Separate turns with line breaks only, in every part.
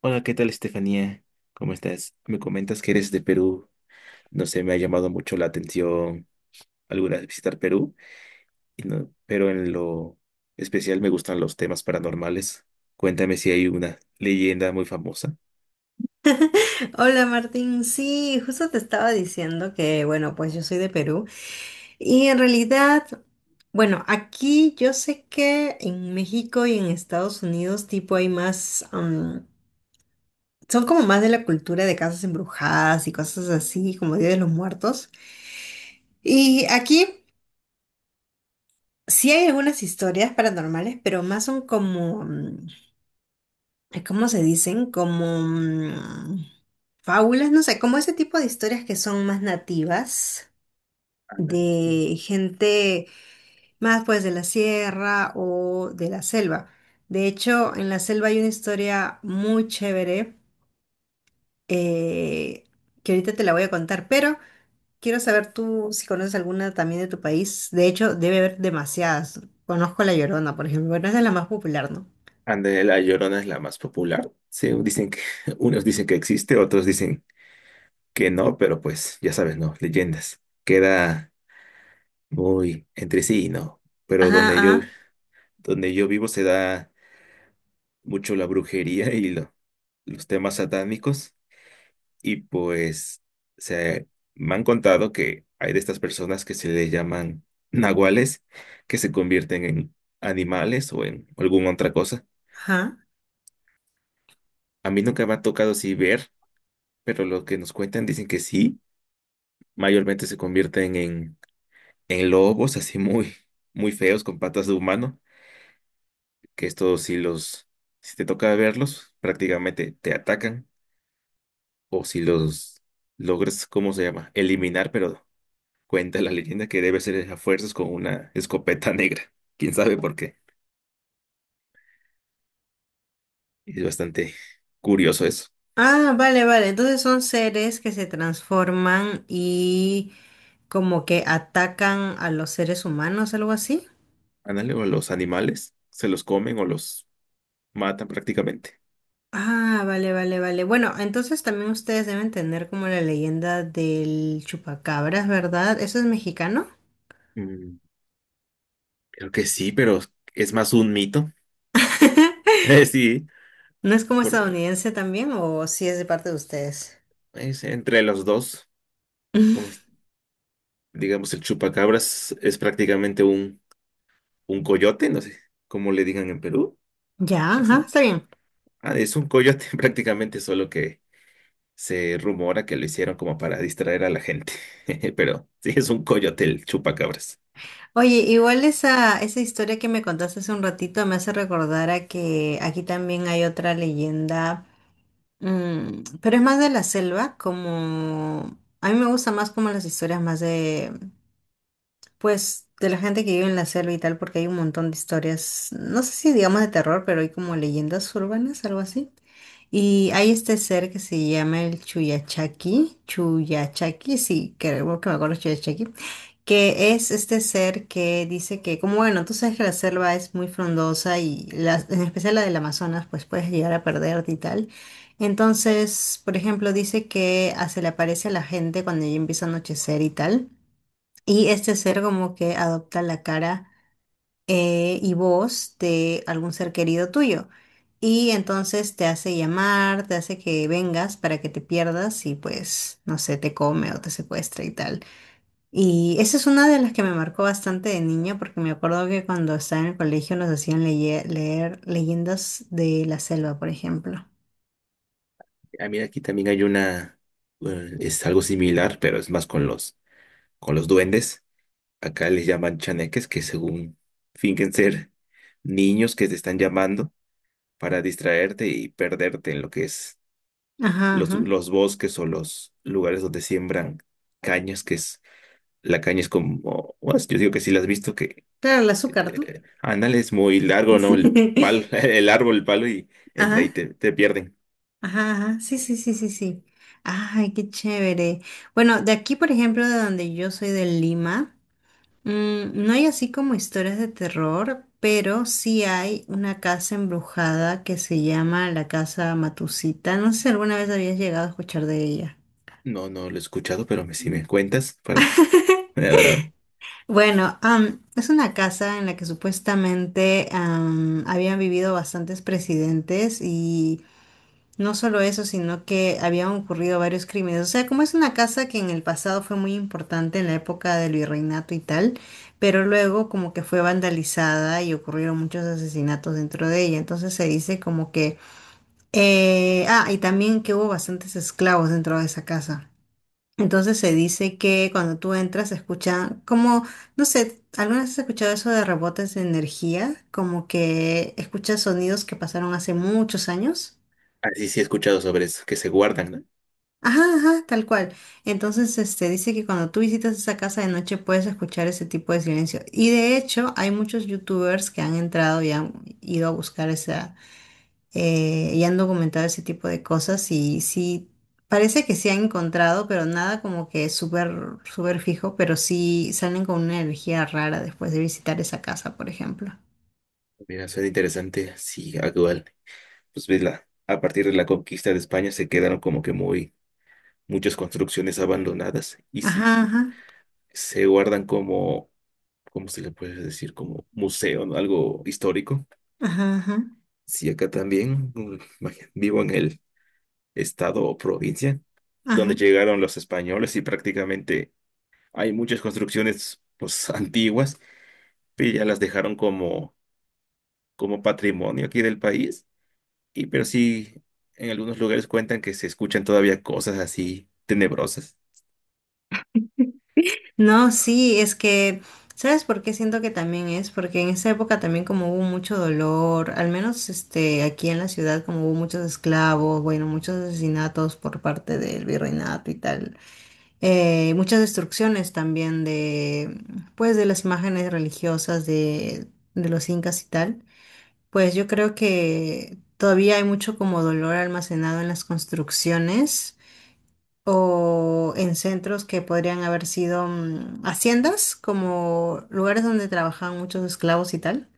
Hola, ¿qué tal, Estefanía? ¿Cómo estás? Me comentas que eres de Perú. No sé, me ha llamado mucho la atención alguna vez visitar Perú, y pero en lo especial me gustan los temas paranormales. Cuéntame si hay una leyenda muy famosa.
Hola Martín, sí, justo te estaba diciendo que, bueno, pues yo soy de Perú y en realidad, bueno, aquí yo sé que en México y en Estados Unidos tipo hay más, son como más de la cultura de casas embrujadas y cosas así, como Día de los Muertos. Y aquí sí hay algunas historias paranormales, pero más son como, ¿cómo se dicen? Como fábulas, no sé, como ese tipo de historias que son más nativas.
Anda, sí.
De gente más pues de la sierra o de la selva. De hecho, en la selva hay una historia muy chévere, eh, que ahorita te la voy a contar, pero quiero saber tú si conoces alguna también de tu país. De hecho, debe haber demasiadas. Conozco La Llorona, por ejemplo, pero es de la más popular, ¿no?
Anda, la Llorona es la más popular. Sí, dicen que, unos dicen que existe, otros dicen que no, pero pues ya sabes, ¿no? Leyendas. Queda muy entre sí, ¿no? Pero
Ajá, ajá,
donde yo vivo se da mucho la brujería y los temas satánicos y pues se me han contado que hay de estas personas que se le llaman nahuales, que se convierten en animales o en alguna otra cosa.
ajá.
A mí nunca me ha tocado así ver, pero lo que nos cuentan dicen que sí, mayormente se convierten en lobos así muy feos con patas de humano, que estos si te toca verlos, prácticamente te atacan. O si los logras, ¿cómo se llama? Eliminar, pero cuenta la leyenda que debe ser a fuerzas con una escopeta negra. ¿Quién sabe por qué? Es bastante curioso eso.
Ah, vale, vale. Entonces son seres que se transforman y como que atacan a los seres humanos, algo así.
Análogo a los animales, se los comen o los matan prácticamente.
Ah, vale, vale, vale. Bueno, entonces también ustedes deben tener como la leyenda del chupacabras, ¿verdad? ¿Eso es mexicano?
Mm, Creo que sí, pero es más un mito. Eh, sí,
¿No es como
por-
estadounidense también o si es de parte de ustedes?
es entre los dos, como es- digamos, el chupacabras es prácticamente un coyote, no sé cómo le digan en Perú,
Ya, ajá,
así.
está bien.
Ah, es un coyote prácticamente, solo que se rumora que lo hicieron como para distraer a la gente, pero sí es un coyote el chupacabras.
Oye, igual esa, esa historia que me contaste hace un ratito me hace recordar a que aquí también hay otra leyenda, mm, pero es más de la selva, como... A mí me gusta más como las historias más de pues de la gente que vive en la selva y tal, porque hay un montón de historias, no sé si digamos de terror, pero hay como leyendas urbanas, algo así. Y hay este ser que se llama el Chuyachaki, Chuyachaki, sí, creo que me acuerdo Chuyachaki, que es este ser que dice que, como bueno, tú sabes que la selva es muy frondosa y en especial la del Amazonas, pues puedes llegar a perderte y tal. Entonces, por ejemplo, dice que ah, se le aparece a la gente cuando ya empieza a anochecer y tal. Y este ser como que adopta la cara, y voz de algún ser querido tuyo. Y entonces te hace llamar, te hace que vengas para que te pierdas y pues, no sé, te come o te secuestra y tal. Y esa es una de las que me marcó bastante de niña porque me acuerdo que cuando estaba en el colegio nos hacían leer leyendas de la selva, por ejemplo.
Ah, mira, aquí también hay una, es algo similar, pero es más con con los duendes. Acá les llaman chaneques, que según fingen ser niños que te están llamando para distraerte y perderte en lo que es
Ajá, ajá.
los bosques o los lugares donde siembran cañas, que es, la caña es como, bueno, yo digo que sí la has visto, que
Claro, el azúcar, ¿no?
ándale, es muy largo, ¿no? El palo, el árbol, el palo y entra y
Ajá.
te pierden.
Ajá, ajá, sí, sí, sí, sí, sí. Ay, qué chévere. Bueno, de aquí, por ejemplo, de donde yo soy, de Lima, mm, no hay así como historias de terror, pero sí hay una casa embrujada que se llama la Casa Matusita. No sé si alguna vez habías llegado a escuchar de ella.
No, no lo he escuchado, pero me, si me cuentas, para, la verdad.
Bueno, es una casa en la que supuestamente habían vivido bastantes presidentes y no solo eso, sino que habían ocurrido varios crímenes. O sea, como es una casa que en el pasado fue muy importante en la época del virreinato y tal, pero luego como que fue vandalizada y ocurrieron muchos asesinatos dentro de ella. Entonces se dice como que... ah, y también que hubo bastantes esclavos dentro de esa casa. Entonces se dice que cuando tú entras se escucha como, no sé, ¿alguna vez has escuchado eso de rebotes de energía? Como que escuchas sonidos que pasaron hace muchos años.
Así sí he escuchado sobre eso, que se guardan, ¿no?
Ajá, ajá, tal cual. Entonces, este, dice que cuando tú visitas esa casa de noche puedes escuchar ese tipo de silencio. Y de hecho, hay muchos youtubers que han entrado y han ido a buscar esa, y han documentado ese tipo de cosas y sí, parece que sí han encontrado, pero nada como que súper, súper fijo, pero sí salen con una energía rara después de visitar esa casa, por ejemplo.
Mira, suena interesante, sí, actual. Pues ves, la, a partir de la conquista de España se quedaron como que muchas construcciones abandonadas y
Ajá, ajá,
se guardan como, ¿cómo se le puede decir? Como museo, ¿no? Algo histórico.
ajá, ajá,
Sí, acá también, mm, vaya, vivo en el estado o provincia, donde
ajá.
llegaron los españoles y prácticamente hay muchas construcciones pues antiguas, pero ya las dejaron como, como patrimonio aquí del país. Y pero sí, en algunos lugares cuentan que se escuchan todavía cosas así tenebrosas.
No, sí, es que, ¿sabes por qué siento que también es? Porque en esa época también como hubo mucho dolor, al menos este, aquí en la ciudad como hubo muchos esclavos, bueno, muchos asesinatos por parte del virreinato y tal, muchas destrucciones también de, pues, de las imágenes religiosas de los incas y tal, pues yo creo que todavía hay mucho como dolor almacenado en las construcciones o en centros que podrían haber sido mm, haciendas, como lugares donde trabajaban muchos esclavos y tal.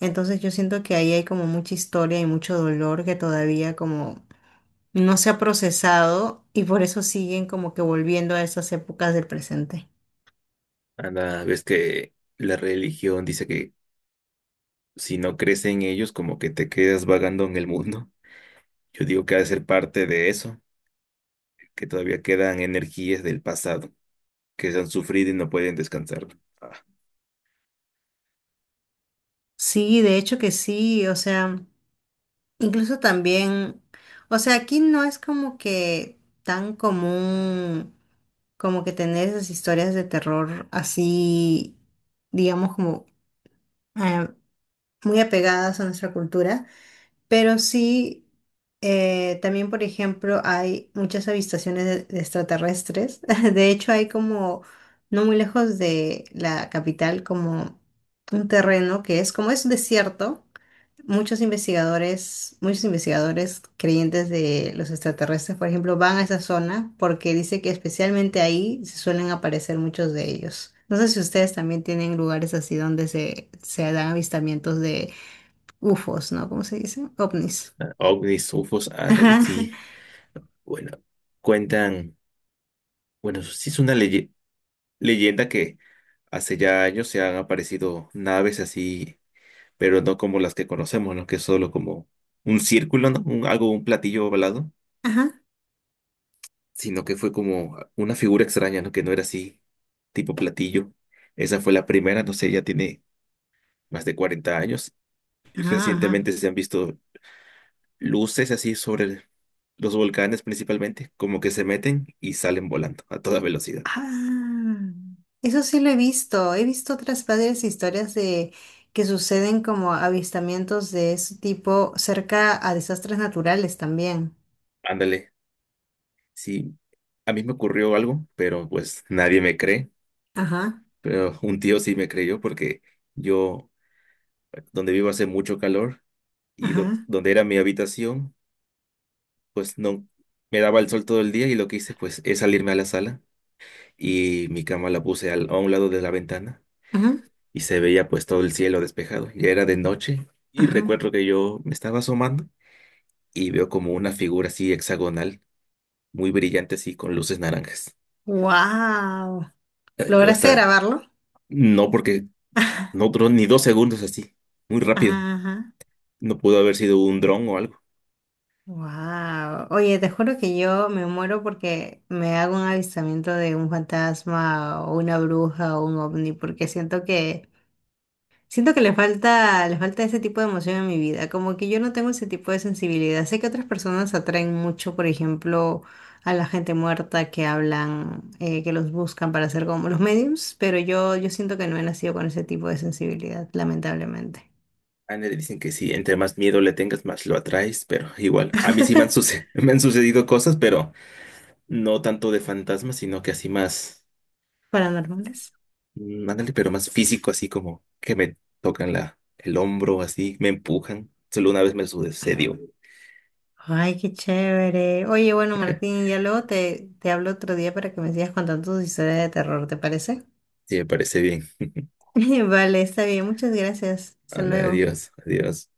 Entonces yo siento que ahí hay como mucha historia y mucho dolor que todavía como no se ha procesado y por eso siguen como que volviendo a esas épocas del presente.
Anda, ves que la religión dice que si no crees en ellos, como que te quedas vagando en el mundo. Yo digo que ha de ser parte de eso, que todavía quedan energías del pasado que se han sufrido y no pueden descansar. Ah,
Sí, de hecho que sí, o sea... Incluso también, o sea, aquí no es como que tan común como que tener esas historias de terror así, digamos, como eh, muy apegadas a nuestra cultura, pero sí, también, por ejemplo, hay muchas avistaciones de extraterrestres. De hecho, hay como, no muy lejos de la capital, como un terreno que es como es un desierto. Muchos investigadores creyentes de los extraterrestres, por ejemplo, van a esa zona porque dice que especialmente ahí se suelen aparecer muchos de ellos. No sé si ustedes también tienen lugares así donde se dan avistamientos de UFOs, ¿no? ¿Cómo se dice? OVNIs.
ovnis, UFOs, ándale,
Ajá,
sí. Bueno, cuentan, bueno, sí es una leyenda que hace ya años se han aparecido naves así, pero no como las que conocemos, ¿no? Que es solo como un círculo, ¿no? Algo, un platillo ovalado,
ajá,
sino que fue como una figura extraña, ¿no? Que no era así, tipo platillo. Esa fue la primera, no sé, ya tiene más de 40 años. Y
ajá, ajá.
recientemente se han visto luces así sobre los volcanes principalmente, como que se meten y salen volando a toda velocidad.
Ah, eso sí lo he visto. He visto otras varias historias de que suceden como avistamientos de ese tipo cerca a desastres naturales también.
Ándale, sí, a mí me ocurrió algo, pero pues nadie me cree,
Ajá,
pero un tío sí me creyó porque yo, donde vivo hace mucho calor y
ajá,
donde era mi habitación, pues no me daba el sol todo el día y lo que hice pues es salirme a la sala y mi cama la puse a un lado de la ventana
ajá,
y se veía pues todo el cielo despejado, ya era de noche y
ajá.
recuerdo que yo me estaba asomando y veo como una figura así hexagonal, muy brillante así, con luces naranjas.
Wow.
Yo
¿Lograste
hasta,
grabarlo?
no, porque no duró ni 2 segundos así, muy rápido.
Ajá,
No pudo haber sido un dron o algo.
wow. Oye, te juro que yo me muero porque me hago un avistamiento de un fantasma o una bruja o un ovni, porque siento que siento que le falta ese tipo de emoción en mi vida, como que yo no tengo ese tipo de sensibilidad. Sé que otras personas atraen mucho, por ejemplo, a la gente muerta que hablan, que los buscan para hacer como los mediums, pero yo siento que no he nacido con ese tipo de sensibilidad, lamentablemente.
A nadie le dicen que sí, entre más miedo le tengas, más lo atraes, pero igual, a mí sí me han, me han sucedido cosas, pero no tanto de fantasmas, sino que así más,
Paranormales.
ándale, pero más físico, así como que me tocan la, el hombro, así, me empujan. Solo una vez me sucedió.
Ay, qué chévere. Oye, bueno, Martín, ya luego te, te hablo otro día para que me sigas contando tus historias de terror, ¿te parece?
Sí, me parece bien.
Vale, está bien, muchas gracias. Hasta
Ándale,
luego.
adiós, adiós.